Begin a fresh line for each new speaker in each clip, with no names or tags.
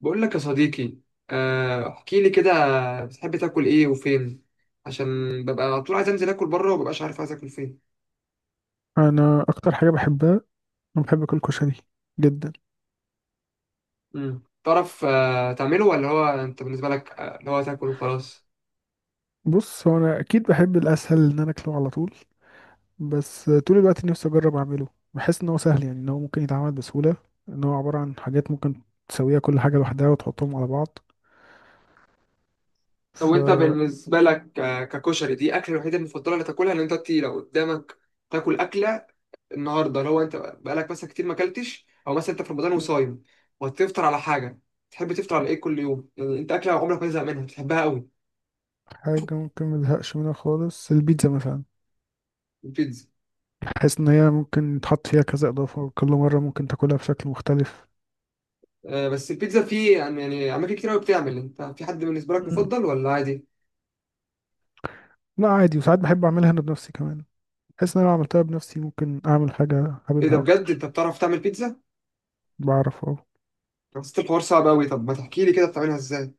بقول لك يا صديقي. احكي لي كده. بتحب تاكل ايه وفين؟ عشان ببقى على طول عايز انزل اكل بره ومببقاش عارف عايز اكل فين.
انا اكتر حاجه بحبها، انا بحب اكل كشري جدا.
مم. تعرف تعمله ولا هو انت بالنسبه لك، اللي هو تاكل وخلاص؟
بص، هو انا اكيد بحب الاسهل ان انا اكله على طول، بس طول الوقت نفسي اجرب اعمله. بحس ان هو سهل، يعني ان هو ممكن يتعمل بسهوله، ان هو عباره عن حاجات ممكن تسويها كل حاجه لوحدها وتحطهم على بعض.
لو
ف
انت بالنسبه لك، ككشري دي اكله الوحيده المفضله اللي تاكلها، ان انت لو قدامك تاكل اكله النهارده، اللي هو انت بقالك مثلا كتير ما اكلتش، او مثلا انت في رمضان وصايم وهتفطر على حاجه، تحب تفطر على ايه كل يوم؟ يعني انت اكله عمرك ما تزهق منها بتحبها قوي؟
حاجه ممكن مزهقش منها خالص البيتزا مثلا.
البيتزا.
بحس ان هي ممكن يتحط فيها كذا اضافه وكل مره ممكن تاكلها بشكل مختلف.
بس البيتزا في يعني اماكن كتير قوي بتعمل. انت في حد بالنسبه لك
مم.
مفضل ولا عادي؟
لا، عادي، وساعات بحب اعملها انا بنفسي كمان. بحس ان انا لو عملتها بنفسي ممكن اعمل حاجه
ايه ده؟
حاببها
بجد
اكتر.
انت بتعرف تعمل بيتزا؟
بعرف، اه.
حسيت الحوار صعب قوي. طب ما تحكي لي كده بتعملها ازاي؟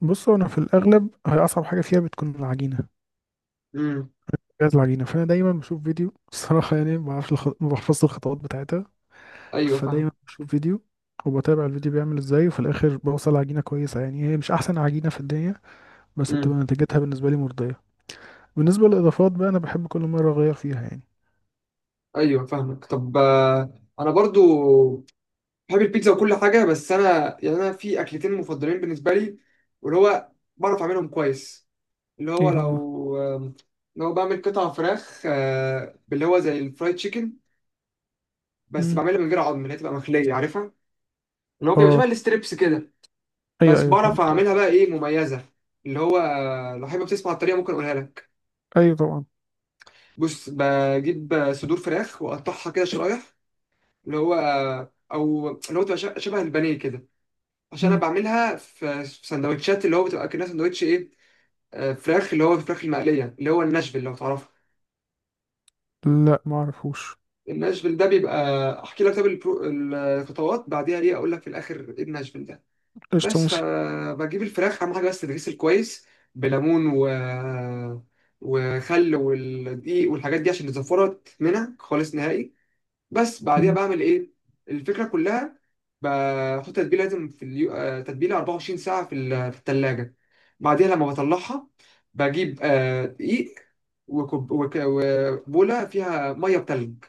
بص، هو انا في الاغلب هي اصعب حاجه فيها بتكون العجينه،
امم
جهاز العجينه. فانا دايما بشوف فيديو الصراحه، يعني ما بحفظش الخطوات بتاعتها.
ايوه
فدايما
فاهم.
بشوف فيديو وبتابع الفيديو بيعمل ازاي، وفي الاخر بوصل عجينه كويسه. يعني هي مش احسن عجينه في الدنيا، بس
امم
بتبقى نتيجتها بالنسبه لي مرضيه. بالنسبه للاضافات بقى، انا بحب كل مره اغير فيها يعني.
ايوه فاهمك. طب انا برضو بحب البيتزا وكل حاجه. بس انا يعني انا في اكلتين مفضلين بالنسبه لي، واللي هو بعرف اعملهم كويس. اللي هو
ايه هما؟
لو لو بعمل قطع فراخ، باللي هو زي الفرايد تشيكن، بس
مم.
بعملها من غير عظم، اللي هي تبقى مخليه عارفها. اللي هو بيبقى شبه
اه،
الستريبس كده،
ايوه
بس
ايوه
بعرف
فهمت.
اعملها بقى ايه مميزه. اللي هو لو حابب تسمع الطريقه ممكن اقولها لك.
ايوه طبعا.
بص بجيب صدور فراخ واقطعها كده شرايح. اللي هو او اللي هو تبقى شبه البانيه كده. عشان انا
مم.
بعملها في سندوتشات، اللي هو بتبقى كأنها سندوتش ايه، فراخ، اللي هو الفراخ المقليه، اللي هو الناشفيل لو تعرفها.
لا، ما اعرفوش.
الناشفيل ده بيبقى، احكي لك طب الخطوات بعديها ايه، اقول لك في الاخر ايه الناشفيل ده.
قشطه،
بس
ماشي.
فبجيب الفراخ، اهم حاجه بس تتغسل كويس بليمون وخل والدقيق والحاجات دي، عشان الزفرة تتمنع خالص نهائي. بس بعديها
مم.
بعمل ايه. الفكره كلها بحط تتبيله، لازم في اليو... آه، تتبيله 24 ساعه في الثلاجه. بعديها لما بطلعها بجيب دقيق وبوله فيها ميه بتلج.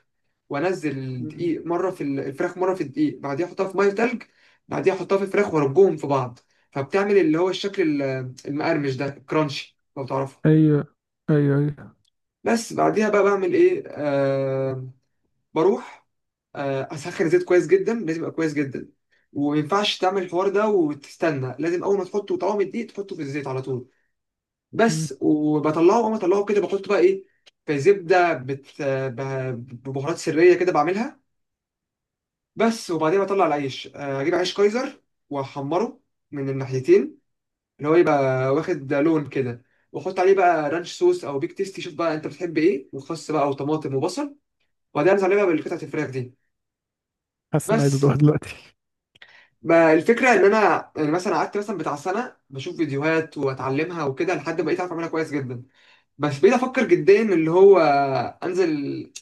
وانزل
مم.
الدقيق مره الفراخ، مره في الدقيق، بعديها احطها في ميه تلج. بعديها احطها في الفراخ وارجهم في بعض، فبتعمل اللي هو الشكل المقرمش ده، الكرانشي لو تعرفه.
ايوه. ايوه ايوه.
بس بعديها بقى بعمل ايه. بروح اسخن الزيت كويس جدا، لازم يبقى كويس جدا. وما ينفعش تعمل الحوار ده وتستنى، لازم اول ما تحطه طعام الدقيق تحطه في الزيت على طول.
مم.
بس. وبطلعه، اول ما اطلعه كده بحطه بقى ايه، في زبده ببهارات سريه كده بعملها. بس. وبعدين بطلع العيش، اجيب عيش كايزر واحمره من الناحيتين، اللي هو يبقى واخد لون كده. واحط عليه بقى رانش صوص او بيك تيستي، شوف بقى انت بتحب ايه، وخس بقى وطماطم وبصل، وبعدين انزل عليه بقى بالقطعه الفراخ دي.
حاسس اني عايز
بس.
ادوقها دلوقتي.
ما الفكره ان انا يعني مثلا قعدت مثلا بتاع سنه بشوف فيديوهات واتعلمها وكده، لحد ما بقيت اعرف اعملها كويس جدا. بس بقيت افكر جديا اللي هو انزل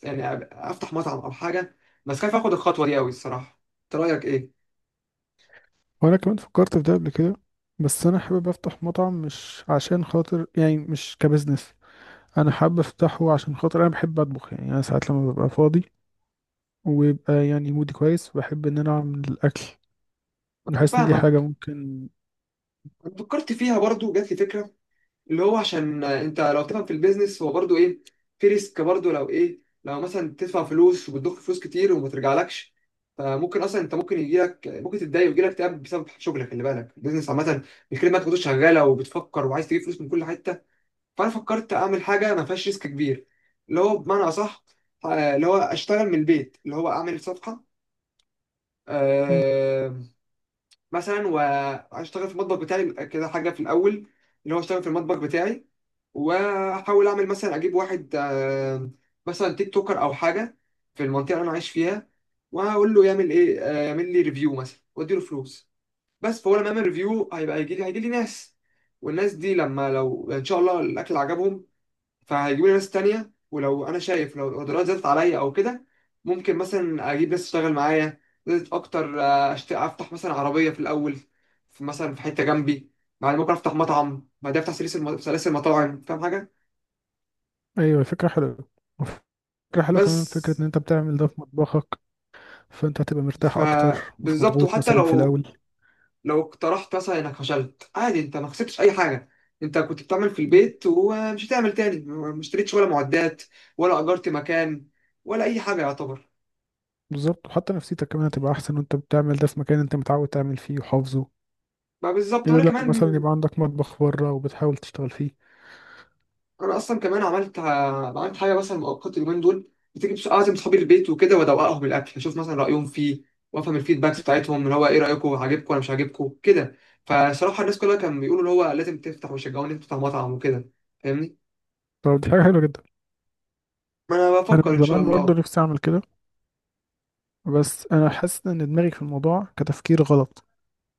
يعني افتح مطعم او حاجه. بس خايف اخد الخطوه دي قوي الصراحه. انت رايك ايه؟
وانا كمان فكرت في ده قبل كده، بس انا حابب افتح مطعم مش عشان خاطر، يعني مش كبزنس. انا حابب افتحه عشان خاطر انا بحب اطبخ، يعني انا ساعات لما ببقى فاضي ويبقى يعني مودي كويس، بحب ان انا اعمل الاكل.
انا
بحس ان دي حاجة
فاهمك.
ممكن.
انا فكرت فيها برضو، جات لي فكره. اللي هو عشان انت لو تفهم في البيزنس هو برضو ايه، في ريسك برضو، لو ايه، لو مثلا تدفع فلوس وبتضخ فلوس كتير وما ترجعلكش. فممكن اصلا انت ممكن يجيلك، ممكن تتضايق ويجيلك اكتئاب بسبب شغلك. خلي بالك البيزنس عامه. الكلمه انت كنت شغاله وبتفكر وعايز تجيب فلوس من كل حته، فانا فكرت اعمل حاجه ما فيهاش ريسك كبير. اللي هو بمعنى اصح، اللي هو اشتغل من البيت، اللي هو اعمل صفحه
مم.
آه، مثلا، واشتغل في المطبخ بتاعي كده، حاجه في الاول. اللي هو اشتغل في المطبخ بتاعي، واحاول اعمل مثلا، اجيب واحد مثلا تيك توكر او حاجه، في المنطقه اللي انا عايش فيها. وهقول له يعمل ايه، يعمل لي ريفيو مثلا واديله فلوس. بس. فهو لما يعمل ريفيو هيبقى هيجي لي ناس. والناس دي لما، لو ان شاء الله الاكل عجبهم، فهيجيبوا لي ناس تانية. ولو أنا شايف لو الأوردرات زادت عليا أو كده، ممكن مثلا أجيب ناس تشتغل معايا. زادت أكتر، أفتح مثلا عربية في الأول، مثلا في حتة جنبي. بعد ممكن أفتح مطعم، بعد أفتح سلاسل سلاسل مطاعم. فاهم حاجة؟
ايوه، فكرة حلوة. فكرة حلوة
بس.
كمان فكرة ان انت بتعمل ده في مطبخك. فانت هتبقى مرتاح اكتر، مش
فبالظبط.
مضغوط
وحتى
مثلا في
لو
الاول.
لو اقترحت مثلا إنك فشلت، عادي أنت ما خسرتش أي حاجة. أنت كنت بتعمل في
مم.
البيت ومش هتعمل تاني، ما اشتريتش ولا معدات، ولا أجرت مكان، ولا أي حاجة يعتبر.
بالظبط، وحتى نفسيتك كمان هتبقى احسن وانت بتعمل ده في مكان انت متعود تعمل فيه وحافظه،
ما بالظبط.
غير
وانا
لما
كمان،
مثلا يبقى عندك مطبخ بره وبتحاول تشتغل فيه.
انا اصلا كمان عملت حاجه مثلا مؤقت اليومين دول، بتيجي اعزم صحابي البيت وكده وادوقهم الاكل، اشوف مثلا رايهم فيه، وافهم الفيدباكس بتاعتهم، اللي هو ايه رايكم، عاجبكم ولا مش عاجبكم كده. فصراحه الناس كلها كانوا بيقولوا اللي هو لازم تفتح ويشجعوني تفتح مطعم وكده. فاهمني؟
طب دي حاجة حلوة جدا.
ما انا
أنا
بفكر
من
ان شاء
زمان برضه
الله.
نفسي أعمل كده، بس أنا حاسس إن دماغي في الموضوع كتفكير غلط.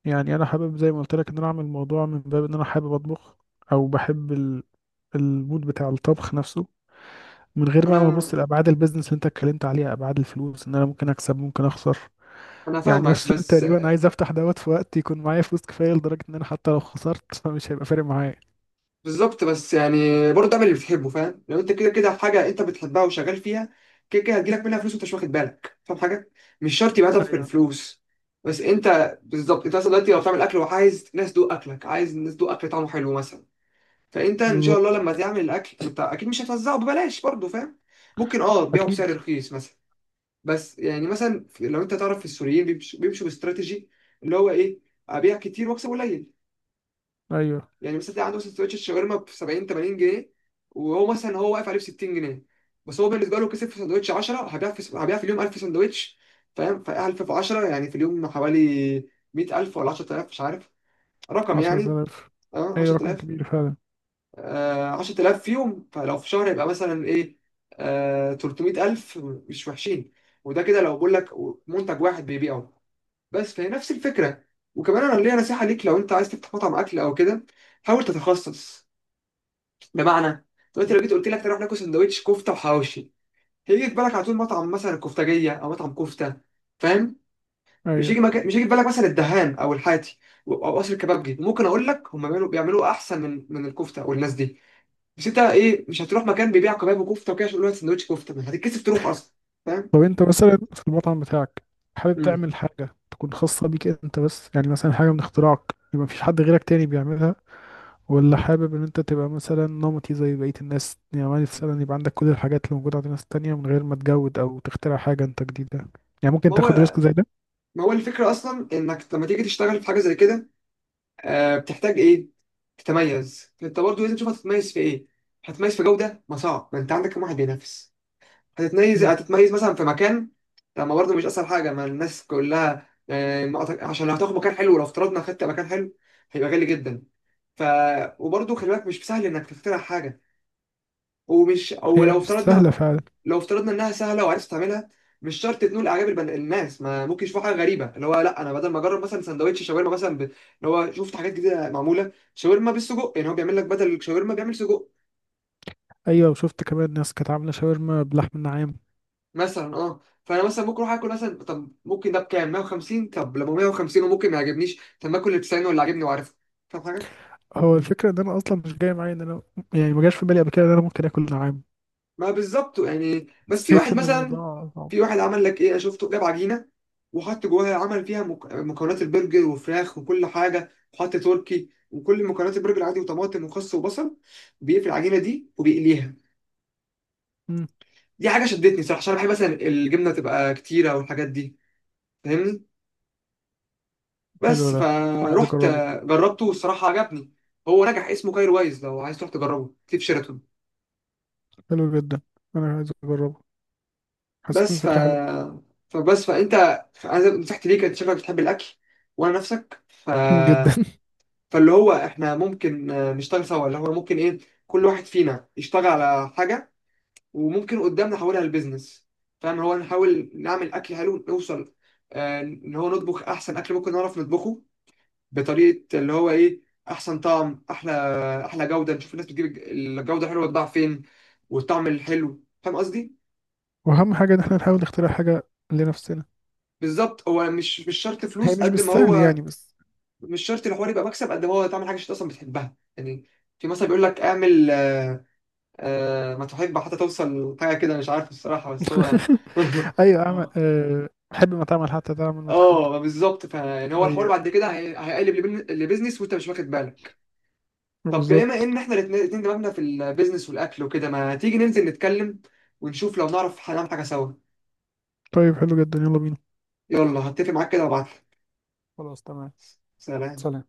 يعني أنا حابب، زي ما قلت لك، إن أنا أعمل الموضوع من باب إن أنا حابب أطبخ، أو بحب المود بتاع الطبخ نفسه، من غير بقى ما أبص
انا
لأبعاد البيزنس اللي أنت اتكلمت عليها، أبعاد الفلوس، إن أنا ممكن أكسب ممكن أخسر.
انا
يعني
فاهمك.
أصلا
بس
تقريبا عايز أفتح دوت في وقت يكون معايا فلوس كفاية لدرجة إن أنا حتى لو خسرت فمش هيبقى فارق معايا.
بالظبط بس يعني، برضه اعمل اللي بتحبه. فاهم لو انت كده كده في حاجه انت بتحبها وشغال فيها، كده كده هتجيلك منها فلوس وانت مش واخد بالك. فاهم حاجه؟ مش شرط يبقى هدفك
ايوه.
الفلوس. بس انت بالظبط. انت مثلا دلوقتي لو بتعمل اكل وعايز ناس تدوق اكلك، عايز الناس تدوق اكل طعمه حلو مثلا. فانت ان شاء الله
بالظبط.
لما تعمل الاكل انت اكيد مش هتوزعه ببلاش برضه، فاهم؟ ممكن اه تبيعه
أكيد.
بسعر رخيص مثلا. بس يعني، مثلا لو انت تعرف السوريين بيمشوا باستراتيجي، اللي هو ايه، ابيع كتير واكسب قليل.
أيوه.
يعني مثلا تلاقي عنده مثلا سندوتش الشاورما ب 70 80 جنيه، وهو مثلا هو واقف عليه ب 60 جنيه. بس هو بالنسبه له كسب في سندوتش 10. هبيع في اليوم 1000 سندوتش. فاهم؟ ف 1000 في 10 يعني في اليوم حوالي 100000 ولا 10000، مش عارف رقم
عشرة
يعني.
آلاف
اه
أي رقم
10000.
كبير فعلا.
10000 في يوم، فلو في شهر يبقى مثلا ايه، 300000، مش وحشين. وده كده لو بقول لك منتج واحد بيبيعه. بس فهي نفس الفكره. وكمان انا ليا نصيحه ليك. لو انت عايز تفتح مطعم اكل او كده، حاول تتخصص. بمعنى، دلوقتي لو
مم.
جيت قلت لك تروح ناكل سندوتش كفته وحواوشي، هيجي في بالك على طول مطعم مثلا كفتاجيه او مطعم كفته. فاهم؟ مش هيجي
أيوة.
مكان، مش هيجي في بالك مثلا الدهان او الحاتي، او قصر الكبابجي. ممكن اقول لك هم بيعملوا احسن من الكفته والناس دي. بس انت ايه، مش هتروح مكان بيبيع كباب وكفته وكده عشان يقول لك سندوتش كفته، ما هتتكسف تروح اصلا. فاهم؟
طب أنت مثلا في المطعم بتاعك، حابب
امم
تعمل حاجة تكون خاصة بيك أنت بس، يعني مثلا حاجة من اختراعك يبقى مفيش حد غيرك تاني بيعملها، ولا حابب إن أنت تبقى مثلا نمطي زي بقية الناس، يعني مثلا يبقى عندك كل الحاجات اللي موجودة عند الناس التانية من غير ما تجود أو تخترع حاجة أنت جديدة؟ يعني ممكن
ما
تاخد ريسك
هو
زي ده.
ما هو الفكره اصلا، انك لما تيجي تشتغل في حاجه زي كده، بتحتاج ايه، تتميز. انت برضه لازم تشوف هتتميز في ايه. هتتميز في جوده، ما صعب، ما انت عندك كام واحد بينافس. هتتميز
مم.
هتتميز مثلا في مكان. طب ما برضه مش اسهل حاجه، ما الناس كلها آه، ما أعتق- عشان لو هتاخد مكان حلو، لو افترضنا خدت مكان حلو هيبقى غالي جدا. ف وبرضه خلي بالك مش سهل انك تخترع حاجه. ومش او
هي
لو
مش
افترضنا
سهلة فعلا.
لو افترضنا انها سهله وعرفت تعملها، مش شرط تنول اعجاب الناس، ما ممكن يشوفوا حاجه غريبه اللي هو لا، انا بدل ما اجرب مثلا سندوتش شاورما مثلا اللي هو شفت حاجات جديده معموله شاورما بالسجق، يعني هو بيعمل لك بدل الشاورما بيعمل سجق
أيوة، وشفت كمان ناس كانت عاملة شاورما بلحم النعام.
مثلا، اه. فانا مثلا ممكن اروح اكل مثلا، طب ممكن ده بكام، 150؟ طب لما 150 وممكن ما يعجبنيش، طب ما اكل اللي ب 90 واللي عاجبني وعارفه. فاهم حاجه؟
هو الفكرة إن أنا أصلا مش جاي معايا إن أنا، يعني ما جاش في بالي قبل كده إن أنا ممكن آكل نعام.
ما بالظبط يعني. بس في
حسيت
واحد
ان
مثلا،
الموضوع صعب.
في واحد عمل لك ايه، انا شفته جاب عجينه وحط جواها، عمل فيها مكونات البرجر وفراخ وكل حاجه، وحط تركي وكل مكونات البرجر عادي، وطماطم وخس وبصل، بيقفل العجينه دي وبيقليها.
مم.
دي حاجه شدتني صراحه عشان انا بحب مثلا الجبنه تبقى كتيره والحاجات دي. فاهمني؟
حلو
بس
ده، عايز
فروحت
اجربه.
جربته والصراحة عجبني. هو نجح، اسمه كايرو وايز، لو عايز تروح تجربه في شيراتون.
حلو جدا، انا عايز اجربه. حسيت ان
بس. ف
الفكره حلوه.
فبس فانت، انا نصيحتي ليك، انت شكلك بتحب الاكل وانا نفسك. ف
جدا.
فاللي هو احنا ممكن نشتغل سوا، اللي هو ممكن ايه، كل واحد فينا يشتغل على حاجة، وممكن قدام نحولها لبزنس. فاهم؟ هو نحاول نعمل اكل حلو، نوصل ان هو نطبخ احسن اكل ممكن نعرف نطبخه، بطريقه اللي هو ايه، احسن طعم، احلى جوده. نشوف الناس بتجيب الجوده حلوه تضاع فين، والطعم الحلو. فاهم قصدي؟
واهم حاجه ان احنا نحاول نخترع حاجه لنفسنا.
بالظبط. هو مش شرط
هي
فلوس
مش
قد ما
بالسهل
هو،
يعني، بس.
مش شرط الحوار يبقى مكسب قد ما هو تعمل حاجه انت اصلا بتحبها يعني. في مثلا بيقول لك اعمل ما تحب حتى توصل حاجه كده مش عارف الصراحه. بس هو
ايوه،
اه
حب ما تعمل حتى تعمل ما تحب.
اه بالظبط. فان هو الحوار
ايوه،
بعد كده هيقلب لبيزنس وانت مش واخد بالك. طب بما
بالظبط.
ان احنا الاتنين دماغنا في البيزنس والاكل وكده، ما تيجي ننزل نتكلم ونشوف لو نعرف هنعمل حاجه سوا.
طيب، حلو جدا، يلا بينا.
يلا، هتفق معاك كده وابعتلك.
خلاص، تمام.
سلام.
سلام.